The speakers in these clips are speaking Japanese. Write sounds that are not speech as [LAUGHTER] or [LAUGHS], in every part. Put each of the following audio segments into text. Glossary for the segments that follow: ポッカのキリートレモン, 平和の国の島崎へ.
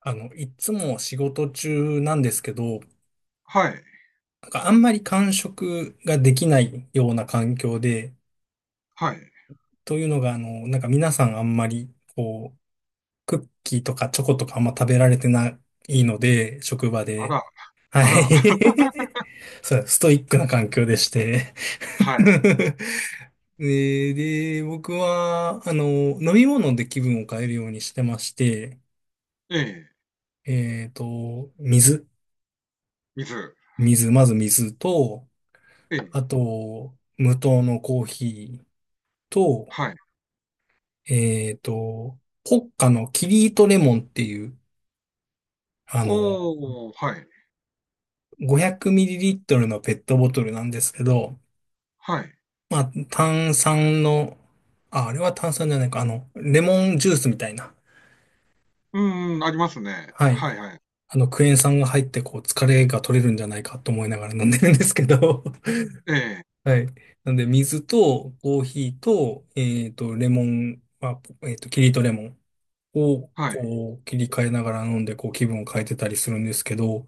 いつも仕事中なんですけど、はい、なんかあんまり間食ができないような環境で、はい。というのが、なんか皆さんあんまり、こう、クッキーとかチョコとかあんま食べられてないので、職場あで。ら、はあら、[LAUGHS] い。[LAUGHS] そう、ストイックな環境でして。はい。[LAUGHS] で、僕は、飲み物で気分を変えるようにしてまして、ええ、水。水。水、まず水と、ええ、あと、無糖のコーヒーと、はい。えっと、ポッカのキリートレモンっていう、あの、おお、はい、500ml のペットボトルなんですけど、はい。まあ、炭酸の、あ、あれは炭酸じゃないか、レモンジュースみたいな。うんん、ありますね。はい。はいはい。クエン酸が入って、こう、疲れが取れるんじゃないかと思いながら飲んでるんですけど、ええ、[LAUGHS] はい。なんで、水と、コーヒーと、レモン、まあ、キリートレモン。をはい、こう切り替えながら飲んでこう気分を変えてたりするんですけど、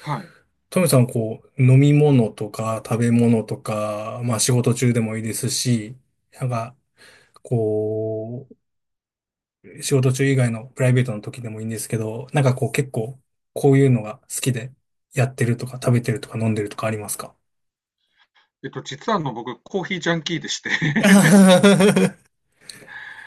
はい。トミさんこう飲み物とか食べ物とか、まあ仕事中でもいいですし、なんかこう仕事中以外のプライベートの時でもいいんですけど、なんかこう結構こういうのが好きでやってるとか食べてるとか飲んでるとかありますか？ 実は僕、コーヒージャンキーでして [LAUGHS] は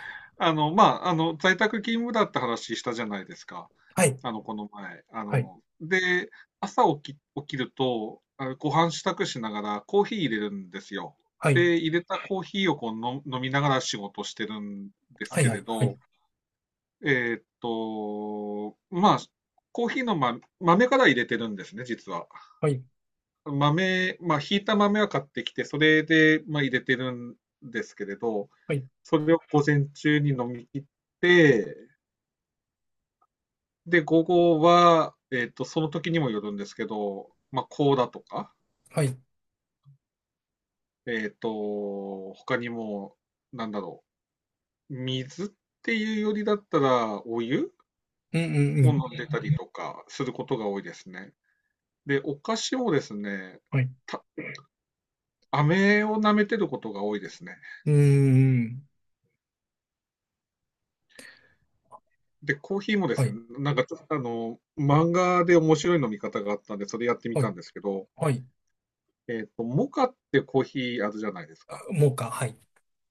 [LAUGHS]。まあ、在宅勤務だって話したじゃないですか。い、この前。はい、で、朝起きると、あ、ご飯支度しながらコーヒー入れるんですよ。はい、で、入れたコーヒーをこう、飲みながら仕事してるんですはい、けはれい、はい、ど、まあ、コーヒーの、ま、豆から入れてるんですね、実は。はい、豆、まあ、ひいた豆は買ってきて、それで、まあ、入れてるんですけれど、はい、それを午前中に飲み切って、で、午後は、その時にもよるんですけど、まあ、コーラとか、はい、他にも、なんだろう、水っていうよりだったら、お湯うん、うん、うを飲ん、んでたりとかすることが多いですね。で、お菓子をですね、はい、うた飴を舐めてることが多いですね。ん、うんで、コーヒーもではすね、い、なんかちょっと漫画で面白い飲み方があったんで、それやってみはたい、んですけど、はい。モカってコーヒーあるじゃないですか。もうか、はい。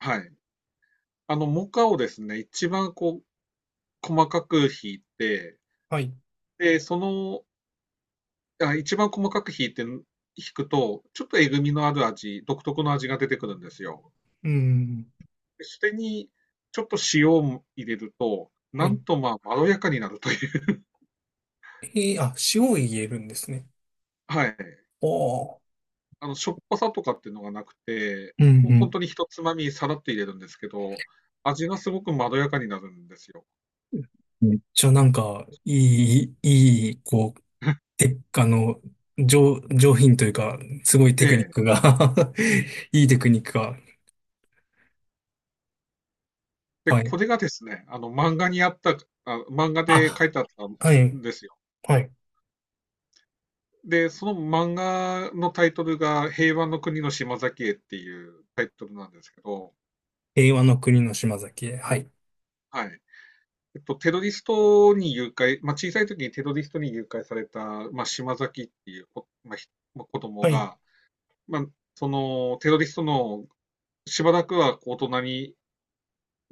はい。モカをですね、一番こう、細かくひいて、はい。で、その、あ、一番細かくひいて、ひくと、ちょっとえぐみのある味、独特の味が出てくるんですよ。うん。でそれにちょっと塩を入れると、はなんい。とまあ、まろやかになるという。[LAUGHS] えー、あ、塩を入れるんですね。はい。おー。しょっぱさとかっていうのがなくて、うんう本ん。当にひとつまみさらっと入れるんですけど、味がすごくまろやかになるんですよ。めっちゃなんか、いい、いい、こう、[LAUGHS] て、上品というか、すごいテえクニッえ。クが。 [LAUGHS] いいテクニックが。で、はこい。れがですね、漫画であ、書いてあったんはい。ですよ。はい。で、その漫画のタイトルが、平和の国の島崎へっていうタイトルなんですけど、平和の国の島崎へ。はい。はい。テロリストに誘拐、まあ、小さい時にテロリストに誘拐された、まあ、島崎っていう、まあ、まあ子供はい。が、まあ、そのテロリストのしばらくはこう大人に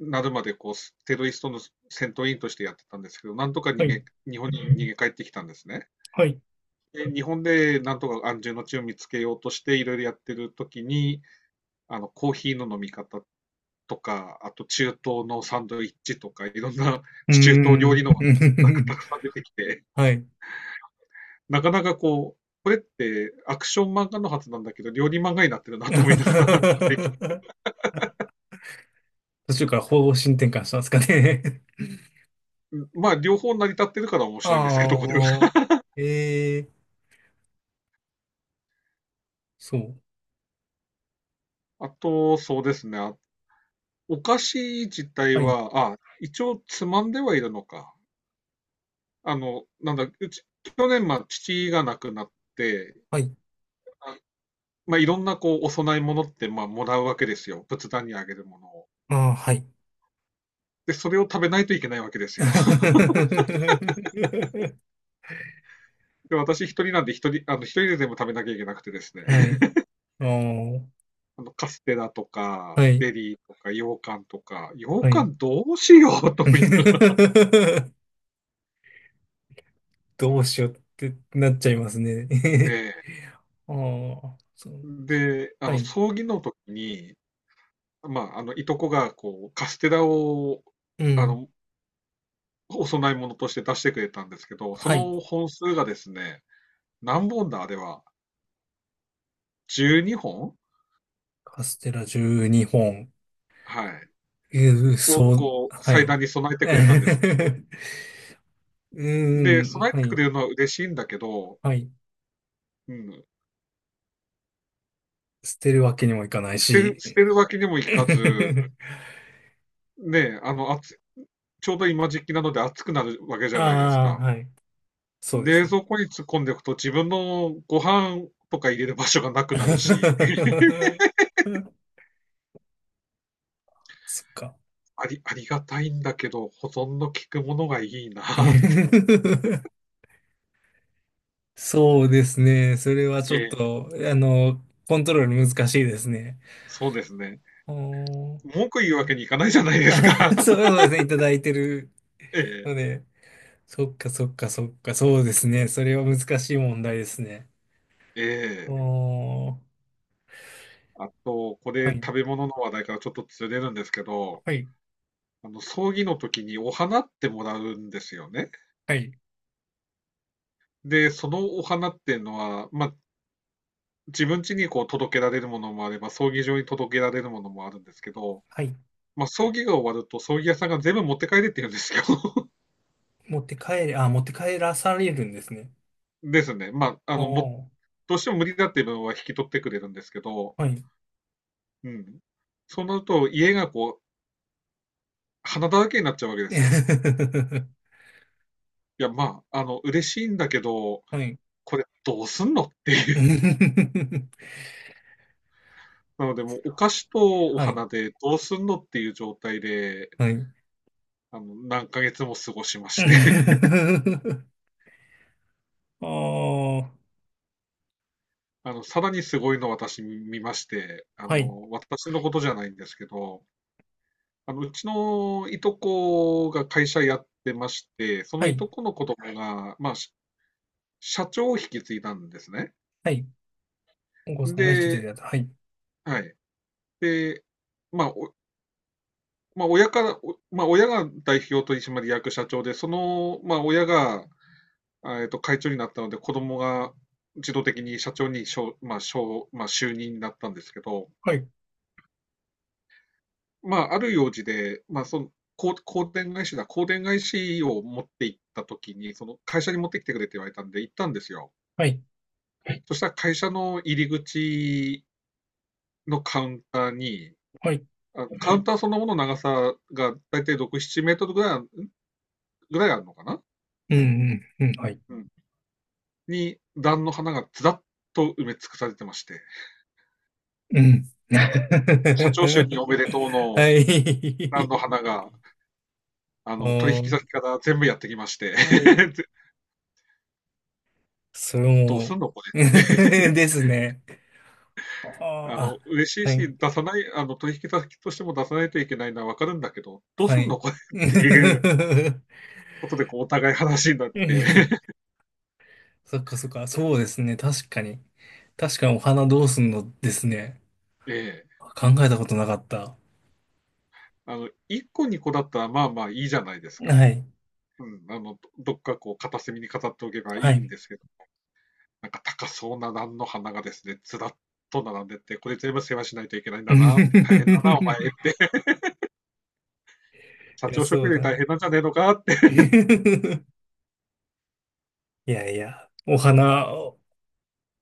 なるまでこうテロリストの戦闘員としてやってたんですけど、なんとかは逃い。げ、日本に逃げ帰ってきたんですね。はい。で、日本でなんとか安住の地を見つけようとしていろいろやってる時に、あのコーヒーの飲み方とか、あと中東のサンドイッチとか、いろんなうー中東料理ん。のが [LAUGHS] たくさん出てきて、はい。なかなかこう、これってアクション漫画のはずなんだけど、料理漫画になってるなと思いながら [LAUGHS] 途中から方針転換したんですかね？ [LAUGHS] まあ、両方成り立ってるから面白いんですけど、これは。ああ、ええそう。あと、そうですね。お菓子自体はい、は、あ、一応つまんではいるのか。なんだ、うち、去年、まあ、父が亡くなって、はい、あまあ、いろんなこう、お供え物って、まあ、もらうわけですよ。仏壇にあげるものを。ああ、はい。で、それを食べないといけないわけですよ。[LAUGHS] [LAUGHS] で、私一人なんで、一人、一人で全部食べなきゃいけなくてですね。はい、ああ、カステラとか、はゼい、リーとか、羊羹とか、羊はい。羹どうしようと思いながら、 [LAUGHS] どうしようってなっちゃいますね。で、[LAUGHS] ああ、そう。で、はい、葬儀の時に、まあ、いとこが、こう、カステラを、うあん、の、お供え物として出してくれたんですけど、そはい。の本数がですね、何本だ、あれは。12本。カステラ12本。はい。うー、を、そう、こう、は祭い。壇に備え [LAUGHS] てうくれたんです。ーで、ん、備えはてくい、れるのは嬉しいんだけど、はい。うん、捨てるわけにもいかない捨てる、し。捨てるわけにもいかず、[LAUGHS] ね、ちょうど今時期なので暑くなるわけじゃないですあか。あ、はい。そうです冷ね。蔵庫に突っ込んでおくと自分のご飯とか入れる場所がなくなるし、[LAUGHS] そっか。ありがたいんだけど、保存の効くものがいいなって。[LAUGHS] そうですね。それは [LAUGHS] ちえょっえ、と、コントロール難しいですね。そうですね。おー。 文句言うわけにいかないじゃないですか。[LAUGHS] [LAUGHS] そうそうですね。いただいてるええ、ので、そっかそっかそっか、そうですね。それは難しい問題ですね。えおえ。ー、あと、こはれい、食べ物の話題からちょっとずれるんですけど、はい、葬儀の時にお花ってもらうんですよね。はい、で、そのお花っていうのは、まあ、自分家にこう届けられるものもあれば、葬儀場に届けられるものもあるんですけど、はい。まあ、葬儀が終わると、葬儀屋さんが全部持って帰れって言うんですよ。[LAUGHS] 持って帰れ、あ、持って帰らされるんですね。ですね。まあ、おー、どうしても無理だっていう分は引き取ってくれるんですけど、はい。うん。そうなると、家がこう、花だらけになっちゃうわけですよ。[LAUGHS] いや、まあ、嬉しいんだけど、はい。これどうすんのってい [LAUGHS] はう。なので、もうお菓子とおい、花でどうすんのっていう状態で、はい。何ヶ月も過ごしまして。[LAUGHS] ああ、はさらにすごいの私見まして、い、私のことじゃないんですけど、うちのいとこが会社やってまして、そはのいい、とこの子供が、まあ、社長を引き継いだんですね。はい。お子さんが引き継いで、だやつ。はい、はい。で、まあ、まあ、親から、まあ、親が代表取締役社長で、その、まあ、親が、会長になったので、子供が自動的に社長に、しょうまあ、しょうまあ、就任になったんですけど、はい、まあ、ある用事で、まあ、その、こう香典返しを持って行った時に、その会社に持ってきてくれって言われたんで、行ったんですよ。はい、そしたら会社の入り口のカウンターに、はい。あカウンターそのものの長さが大体6、7メートルぐらいあるのかな、うん、うん、うん、はい。うんに、段の花がずらっと埋め尽くされてまして、うん。社長就任お [LAUGHS] めでとうのは段い。の花が、あ取引先ーから全部やってきまして、はい。それ [LAUGHS] どうすも、んのこ [LAUGHS] れってですね。あーあ、嬉しいはい、し、出さない、あの、取引先としても出さないといけないのはわかるんだけど、どうはすんのい。これっていうことで、こう、お互い話になって、[LAUGHS] [LAUGHS] そっかそっか、そうですね。確かに。確かにお花どうすんのですね。ええ、考えたことなかった。1個2個だったら、まあまあいいじゃないですか。はい。うん、どっかこう、片隅に飾っておけばはいいんい。ですけど、なんか高そうな蘭の花がですね、ずらっと並んでって、これ全部世話しないといけないんだなって、大変だな、お前、[LAUGHS] 社いや、長そ職う員でだ。大変なんじゃねえのかって、[LAUGHS] いやいや、お花、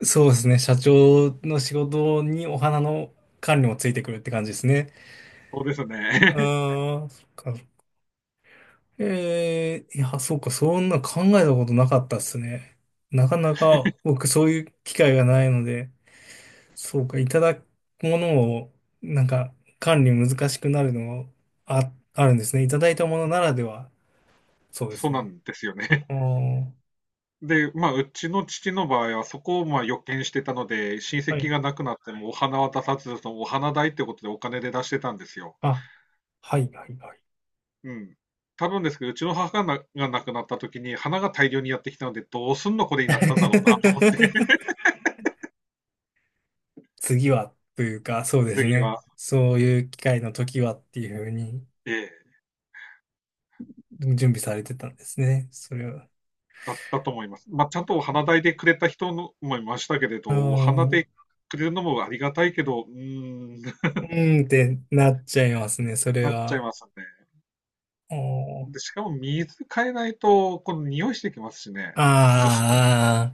そうですね。社長の仕事にお花の管理もついてくるって感じですね。そうですね。[LAUGHS] ああ、そっか。ええいや、そうか、そんな考えたことなかったっすね。なかなか僕そういう機会がないので。そうか、いただくものを、なんか、管理難しくなるのもあ、あるんですね。いただいたものならでは、そうでそすうなね。んですよね。あーで、まあ、うちの父の場合はそこをまあ予見してたので、親は戚い。が亡くなってもお花は出さず、そのお花代ってことでお金で出してたんですよ。あ、はい、はい、はい。うん。多分ですけど、うちの母が亡くなった時に花が大量にやってきたので、どうすんのこれになったんだろうなと思って、[LAUGHS] [LAUGHS] 次は、というか、そうです次ね。は、そういう機会の時はっていうふうにええ、準備されてたんですね。それは。だったと思います。まあ、ちゃんとお花代でくれた人のもいましたけれうーど、お花ん、うでくれるのもありがたいけど、うーん、[LAUGHS] ーんってなっちゃいますね。それなっちゃいは。ますね。おーで、しかも水変えないと、この匂いしてきますしね。虫。ああ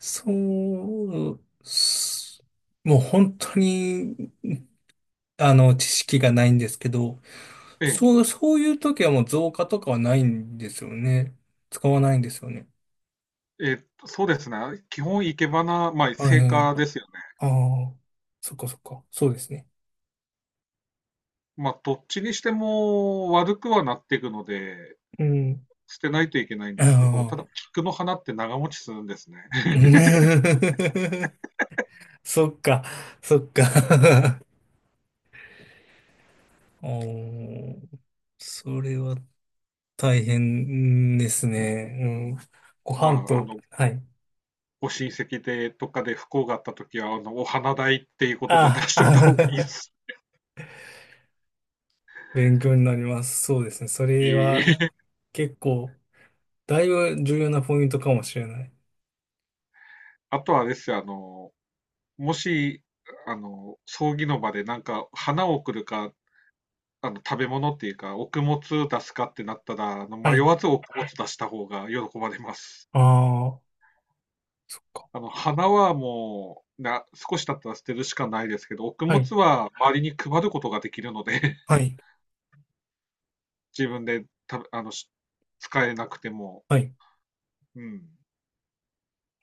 そう、すもう本当に、知識がないんですけど、ええそう、そういう時はもう造花とかはないんですよね。使わないんですよね。そうですね。基本、生け花、まあ、は生い。花ですよね。ああ、そっかそっか。そうですね。まあ、どっちにしても悪くはなっていくので、うん。捨てないといけないんあですけど、ただ、あ。菊の花って長持ちするんですね。[LAUGHS] [LAUGHS] そっか、そっか。[LAUGHS] おー、それは大変ですね。うん。ごま飯あ、と、はい。ご親戚で、とかで不幸があった時は、お花代っていうことで出あしといた方がいいであ。ああす勉強になります。そうですね。それし。は [LAUGHS] 結構、だいぶ重要なポイントかもしれない。あとはあれですよ、もし、葬儀の場でなんか、花を送るか、食べ物っていうか、お供物出すかってなったら、は迷い。わずお供物出した方が喜ばれます。ああ、そっか。花はもう、少し経ったら捨てるしかないですけど、穀は物い。つは周りに配ることができるので、は [LAUGHS] い。自分で食べあの、し使えなくても、はい。うん。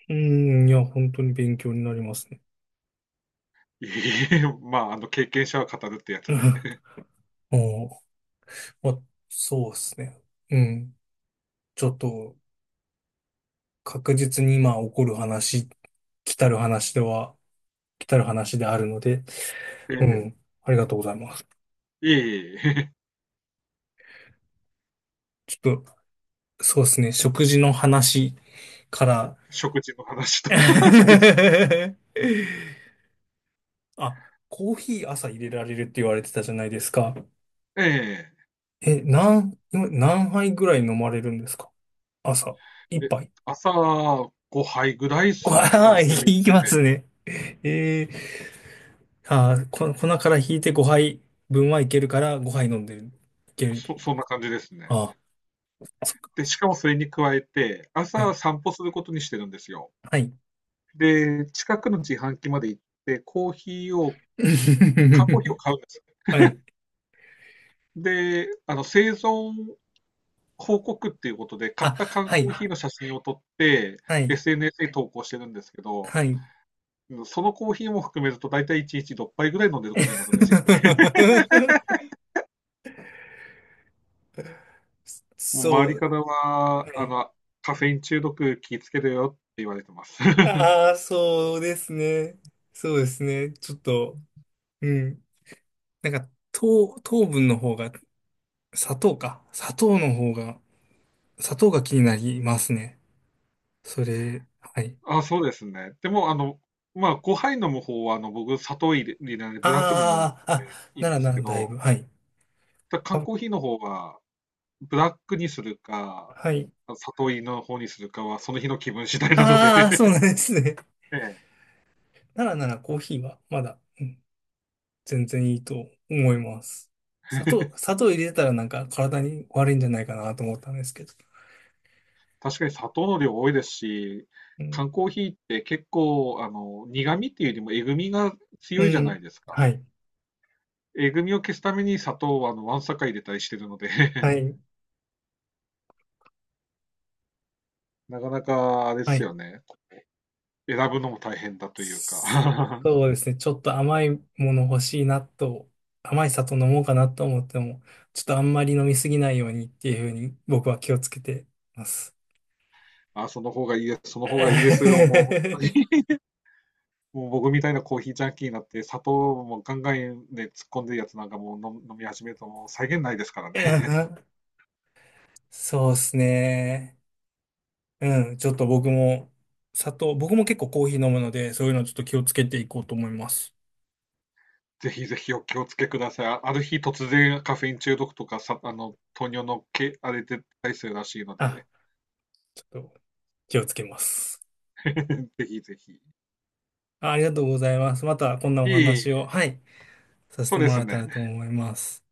うーん、いや、本当に勉強になりますね。いえいえ、まあ、経験者は語るってやつで。[LAUGHS] おお、まそうですね。うん。ちょっと、確実に今起こる話、来たる話では、来たる話であるので、えうえ。ん。ありがとうございます。いえいえ [LAUGHS] ちょっと、そうですね。食事の話から、食事の話と [LAUGHS] です。[LAUGHS] あ、コーヒー朝入れられるって言われてたじゃないですか。ええ。え、何、今何杯ぐらい飲まれるんですか朝？一え、杯。朝5杯ぐらいですね、わあ、い午前き中まで。すね。えー、あー、こ、粉から引いて5杯分はいけるから5杯飲んでる。いける。そんな感じですね。ああ、そっか。で、しかもそれに加えて、は朝い。散歩することにしてるんですよ。はい。で、近くの自販機まで行って、コーヒーを缶コーヒーを [LAUGHS] 買うんですよ。はい。で、生存報告っていうことで、買あ、った缶はコーい。ヒーの写真を撮って、はい。SNS に投稿してるんですけど、はい。うん、そのコーヒーも含めると大体1日6杯ぐらい飲んでることになるんですよ。[LAUGHS] もう周そりう。からは、はい。カフェイン中毒気をつけるよって言われてます。[LAUGHS] ああ、そうですね。そうですね。ちょっと、うん。なんか、糖、糖分の方が、砂糖か。砂糖の方が、砂糖が気になりますね。それ、はい。あ、そうですね。でも、まあ、5杯飲む方は、僕、砂糖入れないでブラックで飲んでああ、あ、いいなんらでなすらけだいど、ぶ、はい。ただ缶あ、コーヒーの方はブラックにするか、はい。里芋の方にするかは、その日の気分次第なので ああ、そう [LAUGHS] なんですね。[LAUGHS] ええ、ならならコーヒーは、まだ、うん、全然いいと思います。砂糖、砂糖入れてたらなんか体に悪いんじゃないかなと思ったんですけど。確かに砂糖の量多いですし、うん。缶コーヒーって結構、苦味っていうよりもえぐみがう強いじゃないん。ですか。はい。えぐみを消すために砂糖は、わんさか入れたりしてるので は [LAUGHS] い。なかなか、あれではすい。よね。選ぶのも大変だというか そ [LAUGHS] うですね。ちょっと甘いもの欲しいなと、甘い砂糖飲もうかなと思っても、ちょっとあんまり飲みすぎないようにっていうふうに僕は気をつけてます。あ、その方がいいです、その方がいいですよ、もう、本 [LAUGHS] 当にもう僕みたいなコーヒージャンキーになって砂糖もガンガンで突っ込んでるやつなんかもう飲み始めるともう際限ないですからね。[LAUGHS] そうですね。うん。ちょっと僕も、砂糖、僕も結構コーヒー飲むので、そういうのちょっと気をつけていこうと思います。ぜひぜひお気をつけください。ある日突然カフェイン中毒とかさ、糖尿のけ、あれで出たりするらしいのあ、で、ちょっと気をつけます。[LAUGHS] ぜひぜひ。あありがとうございます。またこんなおいい、話を、はい、させそてうでもらすえたね。らと思います。